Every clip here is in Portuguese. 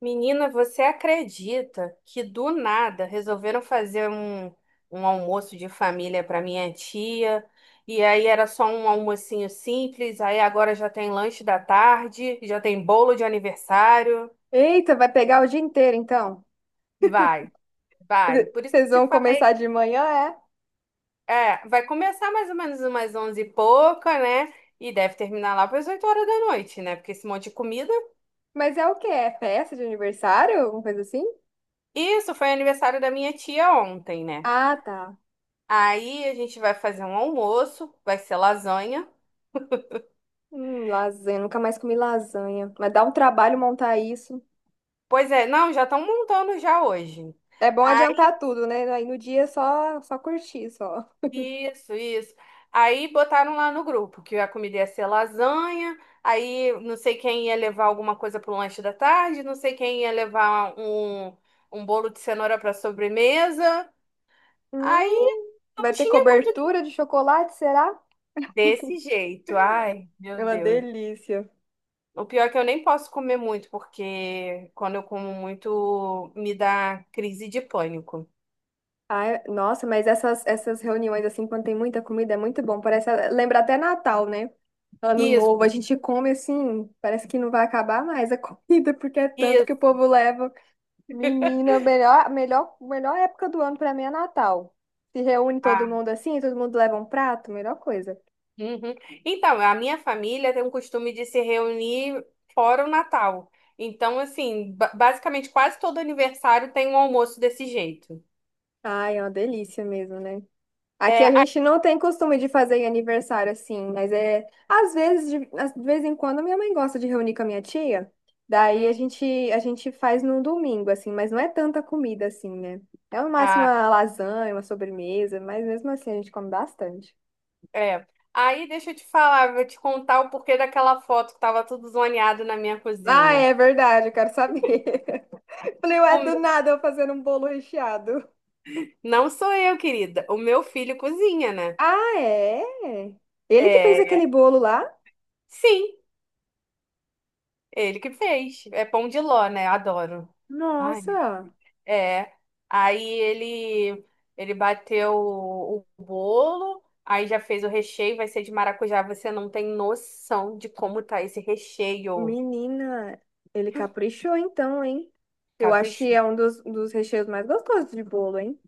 Menina, você acredita que do nada resolveram fazer um almoço de família para minha tia? E aí era só um almocinho simples, aí agora já tem lanche da tarde, já tem bolo de aniversário. Eita, vai pegar o dia inteiro, então. Vai, vai. Por isso que Vocês eu vão te falei, começar de manhã, é? é, vai começar mais ou menos umas onze e pouca, né? E deve terminar lá para as 8 horas da noite, né? Porque esse monte de comida. Mas é o quê? É festa de aniversário? Alguma coisa assim? Isso foi aniversário da minha tia ontem, né? Ah, tá. Aí a gente vai fazer um almoço, vai ser lasanha. Lasanha. Nunca mais comi lasanha. Mas dá um trabalho montar isso. Pois é, não, já estão montando já hoje. É bom Aí, adiantar tudo, né? Aí no dia é só curtir, só. isso, isso. Aí botaram lá no grupo que a comida ia ser lasanha. Aí não sei quem ia levar alguma coisa para o lanche da tarde, não sei quem ia levar um bolo de cenoura para sobremesa. Aí não Vai ter tinha muito o que- cobertura de chocolate, será? desse jeito. Ai, É meu uma Deus. delícia. O pior é que eu nem posso comer muito, porque quando eu como muito, me dá crise de pânico. Ai, nossa, mas essas reuniões, assim, quando tem muita comida, é muito bom. Parece, lembra até Natal, né? Ano novo, a Isso, gente come assim, parece que não vai acabar mais a comida, porque é tanto que isso. o povo leva. Menina, melhor época do ano pra mim é Natal. Se reúne todo Ah, mundo assim, todo mundo leva um prato, melhor coisa. uhum. Então, a minha família tem um costume de se reunir fora o Natal. Então, assim, basicamente quase todo aniversário tem um almoço desse jeito. Ai, é uma delícia mesmo, né? Aqui a É, gente não tem costume de fazer aniversário assim, mas é. Às vezes, de vez em quando, minha mãe gosta de reunir com a minha tia. Daí a hum, gente, a gente faz num domingo, assim, mas não é tanta comida assim, né? É no máximo ah, uma lasanha, uma sobremesa, mas mesmo assim a gente come bastante. é. Aí deixa eu te falar, vou te contar o porquê daquela foto que tava tudo zoneado na minha Ah, cozinha. é verdade, eu quero saber. Falei, ué, O do meu- nada eu fazendo um bolo recheado. Não sou eu, querida. O meu filho cozinha, né? Ah, é? Ele que fez É, aquele bolo lá? sim, ele que fez. É pão de ló, né? Adoro. Ai, Nossa! é. Aí ele bateu o bolo, aí já fez o recheio, vai ser de maracujá. Você não tem noção de como tá esse recheio. Menina, ele caprichou então, hein? Eu acho que Capricho. é um dos recheios mais gostosos de bolo, hein?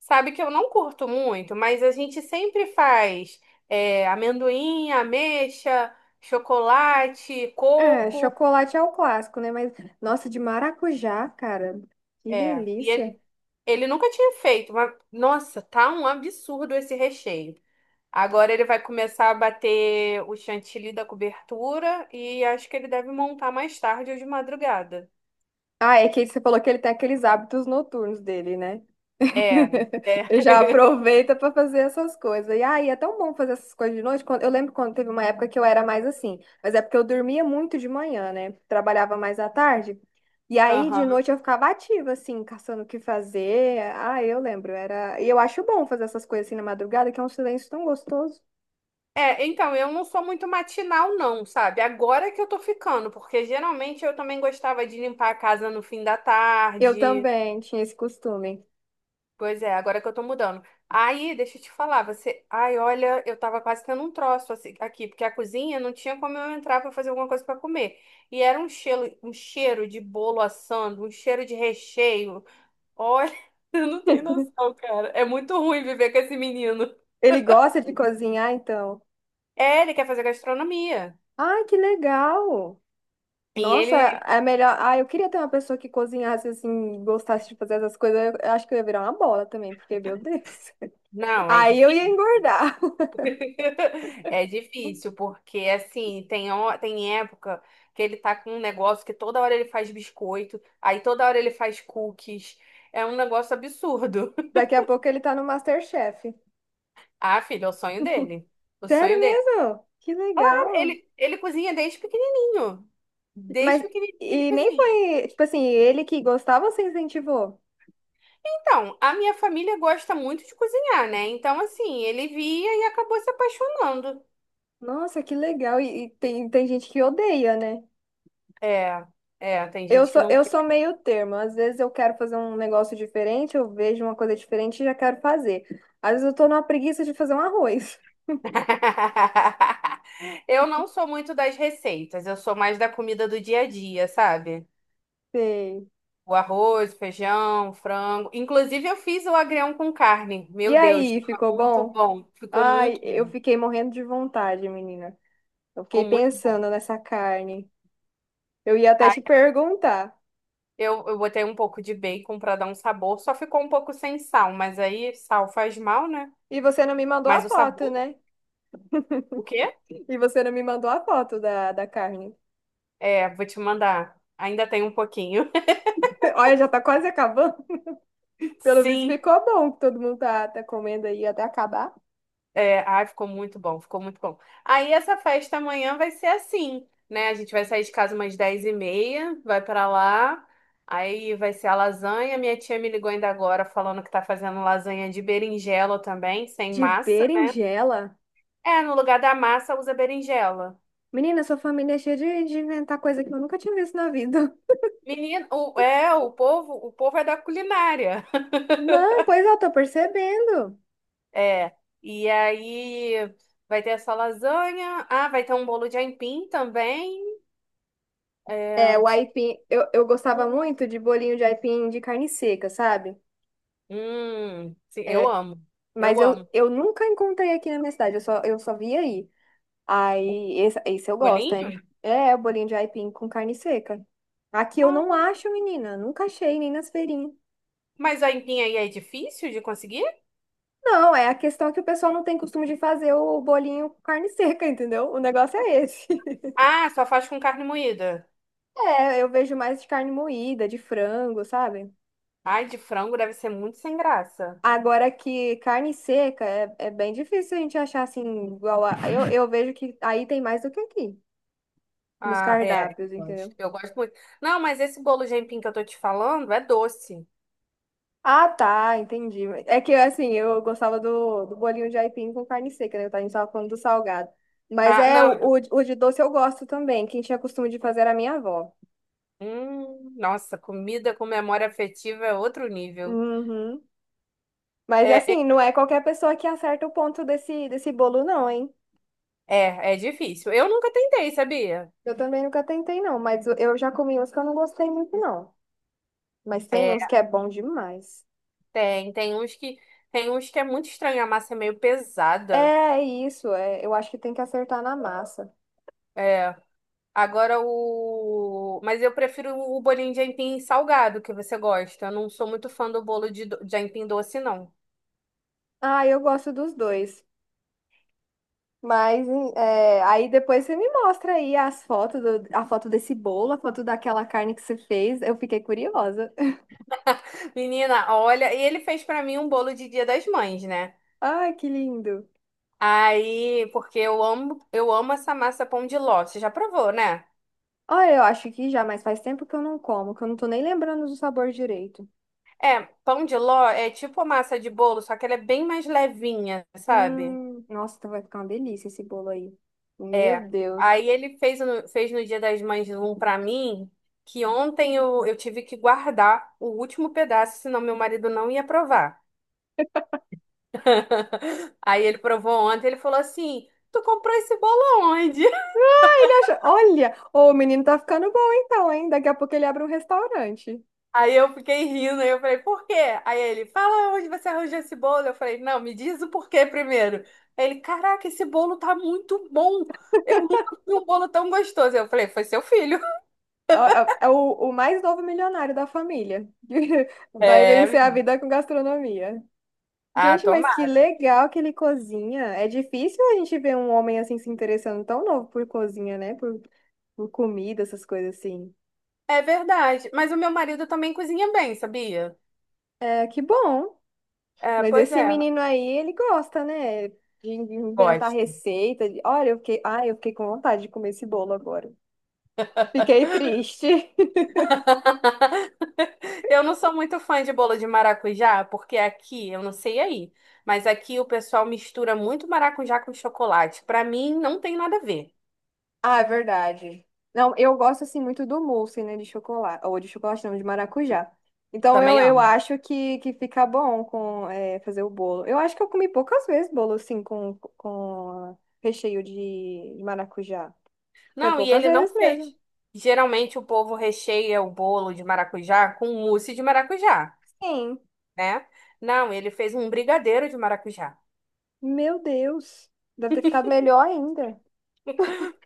Sabe que eu não curto muito, mas a gente sempre faz é, amendoim, ameixa, chocolate, É, coco. chocolate é o clássico, né? Mas, nossa, de maracujá, cara, que É, delícia. Ele nunca tinha feito, mas nossa, tá um absurdo esse recheio. Agora ele vai começar a bater o chantilly da cobertura e acho que ele deve montar mais tarde ou de madrugada. Ah, é que você falou que ele tem aqueles hábitos noturnos dele, né? É, é. Eu já aproveita pra fazer essas coisas. E aí, é tão bom fazer essas coisas de noite. Eu lembro quando teve uma época que eu era mais assim, mas é porque eu dormia muito de manhã, né? Trabalhava mais à tarde. E aí, de Aham. noite, eu ficava ativa, assim, caçando o que fazer. Ah, eu lembro, era. E eu acho bom fazer essas coisas assim na madrugada, que é um silêncio tão gostoso. É, então, eu não sou muito matinal, não, sabe? Agora que eu tô ficando, porque geralmente eu também gostava de limpar a casa no fim da Eu tarde. também tinha esse costume. Pois é, agora que eu tô mudando. Aí, deixa eu te falar, você. Ai, olha, eu tava quase tendo um troço aqui, porque a cozinha não tinha como eu entrar pra fazer alguma coisa pra comer. E era um cheiro de bolo assando, um cheiro de recheio. Olha, eu não tenho noção, cara. É muito ruim viver com esse menino. Ele gosta de cozinhar, então. É, ele quer fazer gastronomia. Ai, que legal! E Nossa, ele. é melhor. Ah, eu queria ter uma pessoa que cozinhasse assim, gostasse de fazer essas coisas. Eu acho que eu ia virar uma bola também, porque, meu Deus. Não, é Aí eu ia difícil. engordar. É difícil, porque assim, tem época que ele tá com um negócio que toda hora ele faz biscoito, aí toda hora ele faz cookies. É um negócio absurdo. Daqui a pouco ele tá no MasterChef. Ah, filho, é o sonho dele. O Sério sonho dele. mesmo? Que Claro, legal. Ele cozinha desde pequenininho. Desde Mas, pequenininho ele e nem cozinha. foi, tipo assim, ele que gostava, você incentivou? Então, a minha família gosta muito de cozinhar, né? Então, assim, ele via e acabou se apaixonando. Nossa, que legal. E tem, tem gente que odeia, né? É, é, tem gente que não. Eu sou meio termo. Às vezes eu quero fazer um negócio diferente, eu vejo uma coisa diferente e já quero fazer. Às vezes eu tô numa preguiça de fazer um arroz. Eu não sou muito das receitas, eu sou mais da comida do dia a dia, sabe? Sei. O arroz, feijão, frango. Inclusive, eu fiz o agrião com carne. E Meu Deus, aí, tava ficou muito bom? bom. Ficou Ai, muito eu bom. fiquei morrendo de vontade, menina. Eu fiquei Ficou muito bom. pensando nessa carne. Eu ia até te Aí perguntar. Eu botei um pouco de bacon para dar um sabor, só ficou um pouco sem sal, mas aí sal faz mal, né? E você não me mandou a Mas o foto, sabor, né? o quê? E você não me mandou a foto da carne. É, vou te mandar. Ainda tem um pouquinho. Olha, já tá quase acabando. Pelo visto, Sim. ficou bom que todo mundo tá comendo aí até acabar. É, ai, ficou muito bom, ficou muito bom. Aí essa festa amanhã vai ser assim, né? A gente vai sair de casa umas dez e meia, vai pra lá, aí vai ser a lasanha. Minha tia me ligou ainda agora falando que tá fazendo lasanha de berinjela também, sem De massa, né? berinjela? É, no lugar da massa usa berinjela. Menina, sua família é cheia de inventar coisa que eu nunca tinha visto na vida. Menino, é, o povo é da culinária. Não, pois é, eu tô percebendo. É, e aí vai ter essa lasanha, ah, vai ter um bolo de aipim também. É, É, o deixa aipim, eu gostava muito de bolinho de aipim de carne seca, sabe? hum, sim, eu É, amo. mas Eu amo. eu nunca encontrei aqui na minha cidade, eu só vi aí. O Aí, esse eu gosto, hein? bolinho? É, o bolinho de aipim com carne seca. Aqui eu Ah, não acho, menina, nunca achei, nem nas feirinhas. mas a aipim aí é difícil de conseguir? Não, é a questão que o pessoal não tem costume de fazer o bolinho com carne seca, entendeu? O negócio é esse. Ah, só faz com carne moída. É, eu vejo mais de carne moída, de frango, sabe? Ai, de frango deve ser muito sem graça. Agora que carne seca é bem difícil a gente achar assim, igual a. Eu vejo que aí tem mais do que aqui, nos Ah, é. Cardápios, entendeu? Eu gosto muito. Não, mas esse bolo de aipim que eu tô te falando é doce. Ah, tá, entendi. É que assim, eu gostava do bolinho de aipim com carne seca, né? A gente tava falando do salgado. Mas Ah, é, o, não. o, o de doce eu gosto também. Quem tinha costume de fazer era a minha avó. Nossa, comida com memória afetiva é outro nível. Uhum. Mas É, é, assim, não é qualquer pessoa que acerta o ponto desse bolo, não, hein? é difícil. Eu nunca tentei, sabia? Eu também nunca tentei, não, mas eu já comi uns que eu não gostei muito, não. Mas tem É, uns que é bom demais. tem, tem uns que, tem uns que é muito estranho, a massa é meio pesada. É isso, é, eu acho que tem que acertar na massa. É, Agora o. Mas eu prefiro o bolinho de aipim salgado que você gosta. Eu não sou muito fã do de aipim doce, não. Ah, eu gosto dos dois. Mas é, aí depois você me mostra aí as fotos, a foto desse bolo, a foto daquela carne que você fez. Eu fiquei curiosa. Menina, olha, e ele fez pra mim um bolo de Dia das Mães, né? Ai, que lindo. Aí, porque eu amo essa massa pão de ló. Você já provou, né? Olha, eu acho que já, mas faz tempo que eu não como, que eu não tô nem lembrando do sabor direito. É, pão de ló é tipo a massa de bolo, só que ela é bem mais levinha, sabe? Nossa, então vai ficar uma delícia esse bolo aí. Meu É. Deus. Aí ele fez no Dia das Mães um pra mim, que ontem eu tive que guardar o último pedaço, senão meu marido não ia provar. Aí ele provou ontem, ele falou assim: Tu comprou esse bolo aonde? Olha, ô, o menino tá ficando bom então, hein? Daqui a pouco ele abre um restaurante. Aí eu fiquei rindo, aí eu falei: Por quê? Aí ele: Fala onde você arranjou esse bolo? Eu falei: Não, me diz o porquê primeiro. Ele: Caraca, esse bolo tá muito bom. Eu nunca vi um bolo tão gostoso. Eu falei: Foi seu filho. É é o mais novo milionário da família. Vai É, vencer a menino, vida com gastronomia. ah, Gente, mas que tomara. legal que ele cozinha. É difícil a gente ver um homem assim se interessando tão novo por cozinha, né? Por comida, essas coisas assim. É verdade. Mas o meu marido também cozinha bem, sabia? É, que bom. É, Mas pois esse é. menino aí, ele gosta, né? De inventar Gosto. receita. Olha, eu fiquei com vontade de comer esse bolo agora. Fiquei triste. Eu não sou muito fã de bolo de maracujá, porque aqui, eu não sei aí, mas aqui o pessoal mistura muito maracujá com chocolate. Pra mim, não tem nada a ver. Ah, é verdade. Não, eu gosto assim muito do mousse, né, de chocolate, ou de chocolate não, de maracujá. Então Também eu amo. acho que fica bom com é, fazer o bolo. Eu acho que eu comi poucas vezes bolo assim com recheio de maracujá. Foi Não, e poucas ele não vezes mesmo. fez. Geralmente o povo recheia o bolo de maracujá com mousse de maracujá, Sim. né? Não, ele fez um brigadeiro de maracujá. Meu Deus. Deve ter ficado melhor ainda.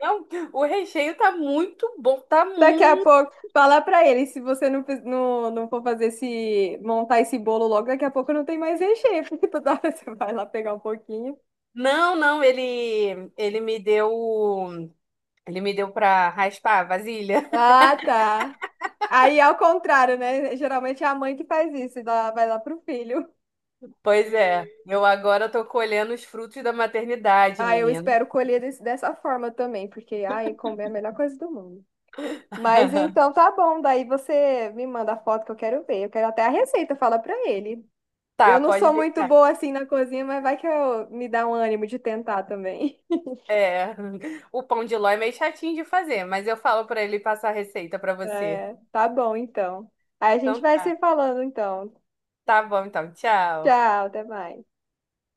Não, o recheio tá muito bom, tá Daqui a pouco, fala pra ele, se você não, não for fazer esse, montar esse bolo logo, daqui a pouco não tem mais recheio, porque toda hora você vai lá pegar um pouquinho. não, não, ele me deu para raspar a vasilha. Ah, tá. Aí é ao contrário, né? Geralmente é a mãe que faz isso e dá, vai lá pro filho. Pois é, eu agora tô colhendo os frutos da maternidade, Ah, eu menino. espero colher dessa forma também, porque ai, comer é a melhor coisa do mundo. Mas então tá bom, daí você me manda a foto que eu quero ver. Eu quero até a receita, fala pra ele. Eu Tá, não pode sou muito deixar. boa assim na cozinha, mas vai que eu me dá um ânimo de tentar também. É, o pão de ló é meio chatinho de fazer, mas eu falo pra ele passar a receita pra você. É, tá bom então. Aí a gente Então vai se tá. falando então. Tá bom, então, tchau. Tchau, até mais.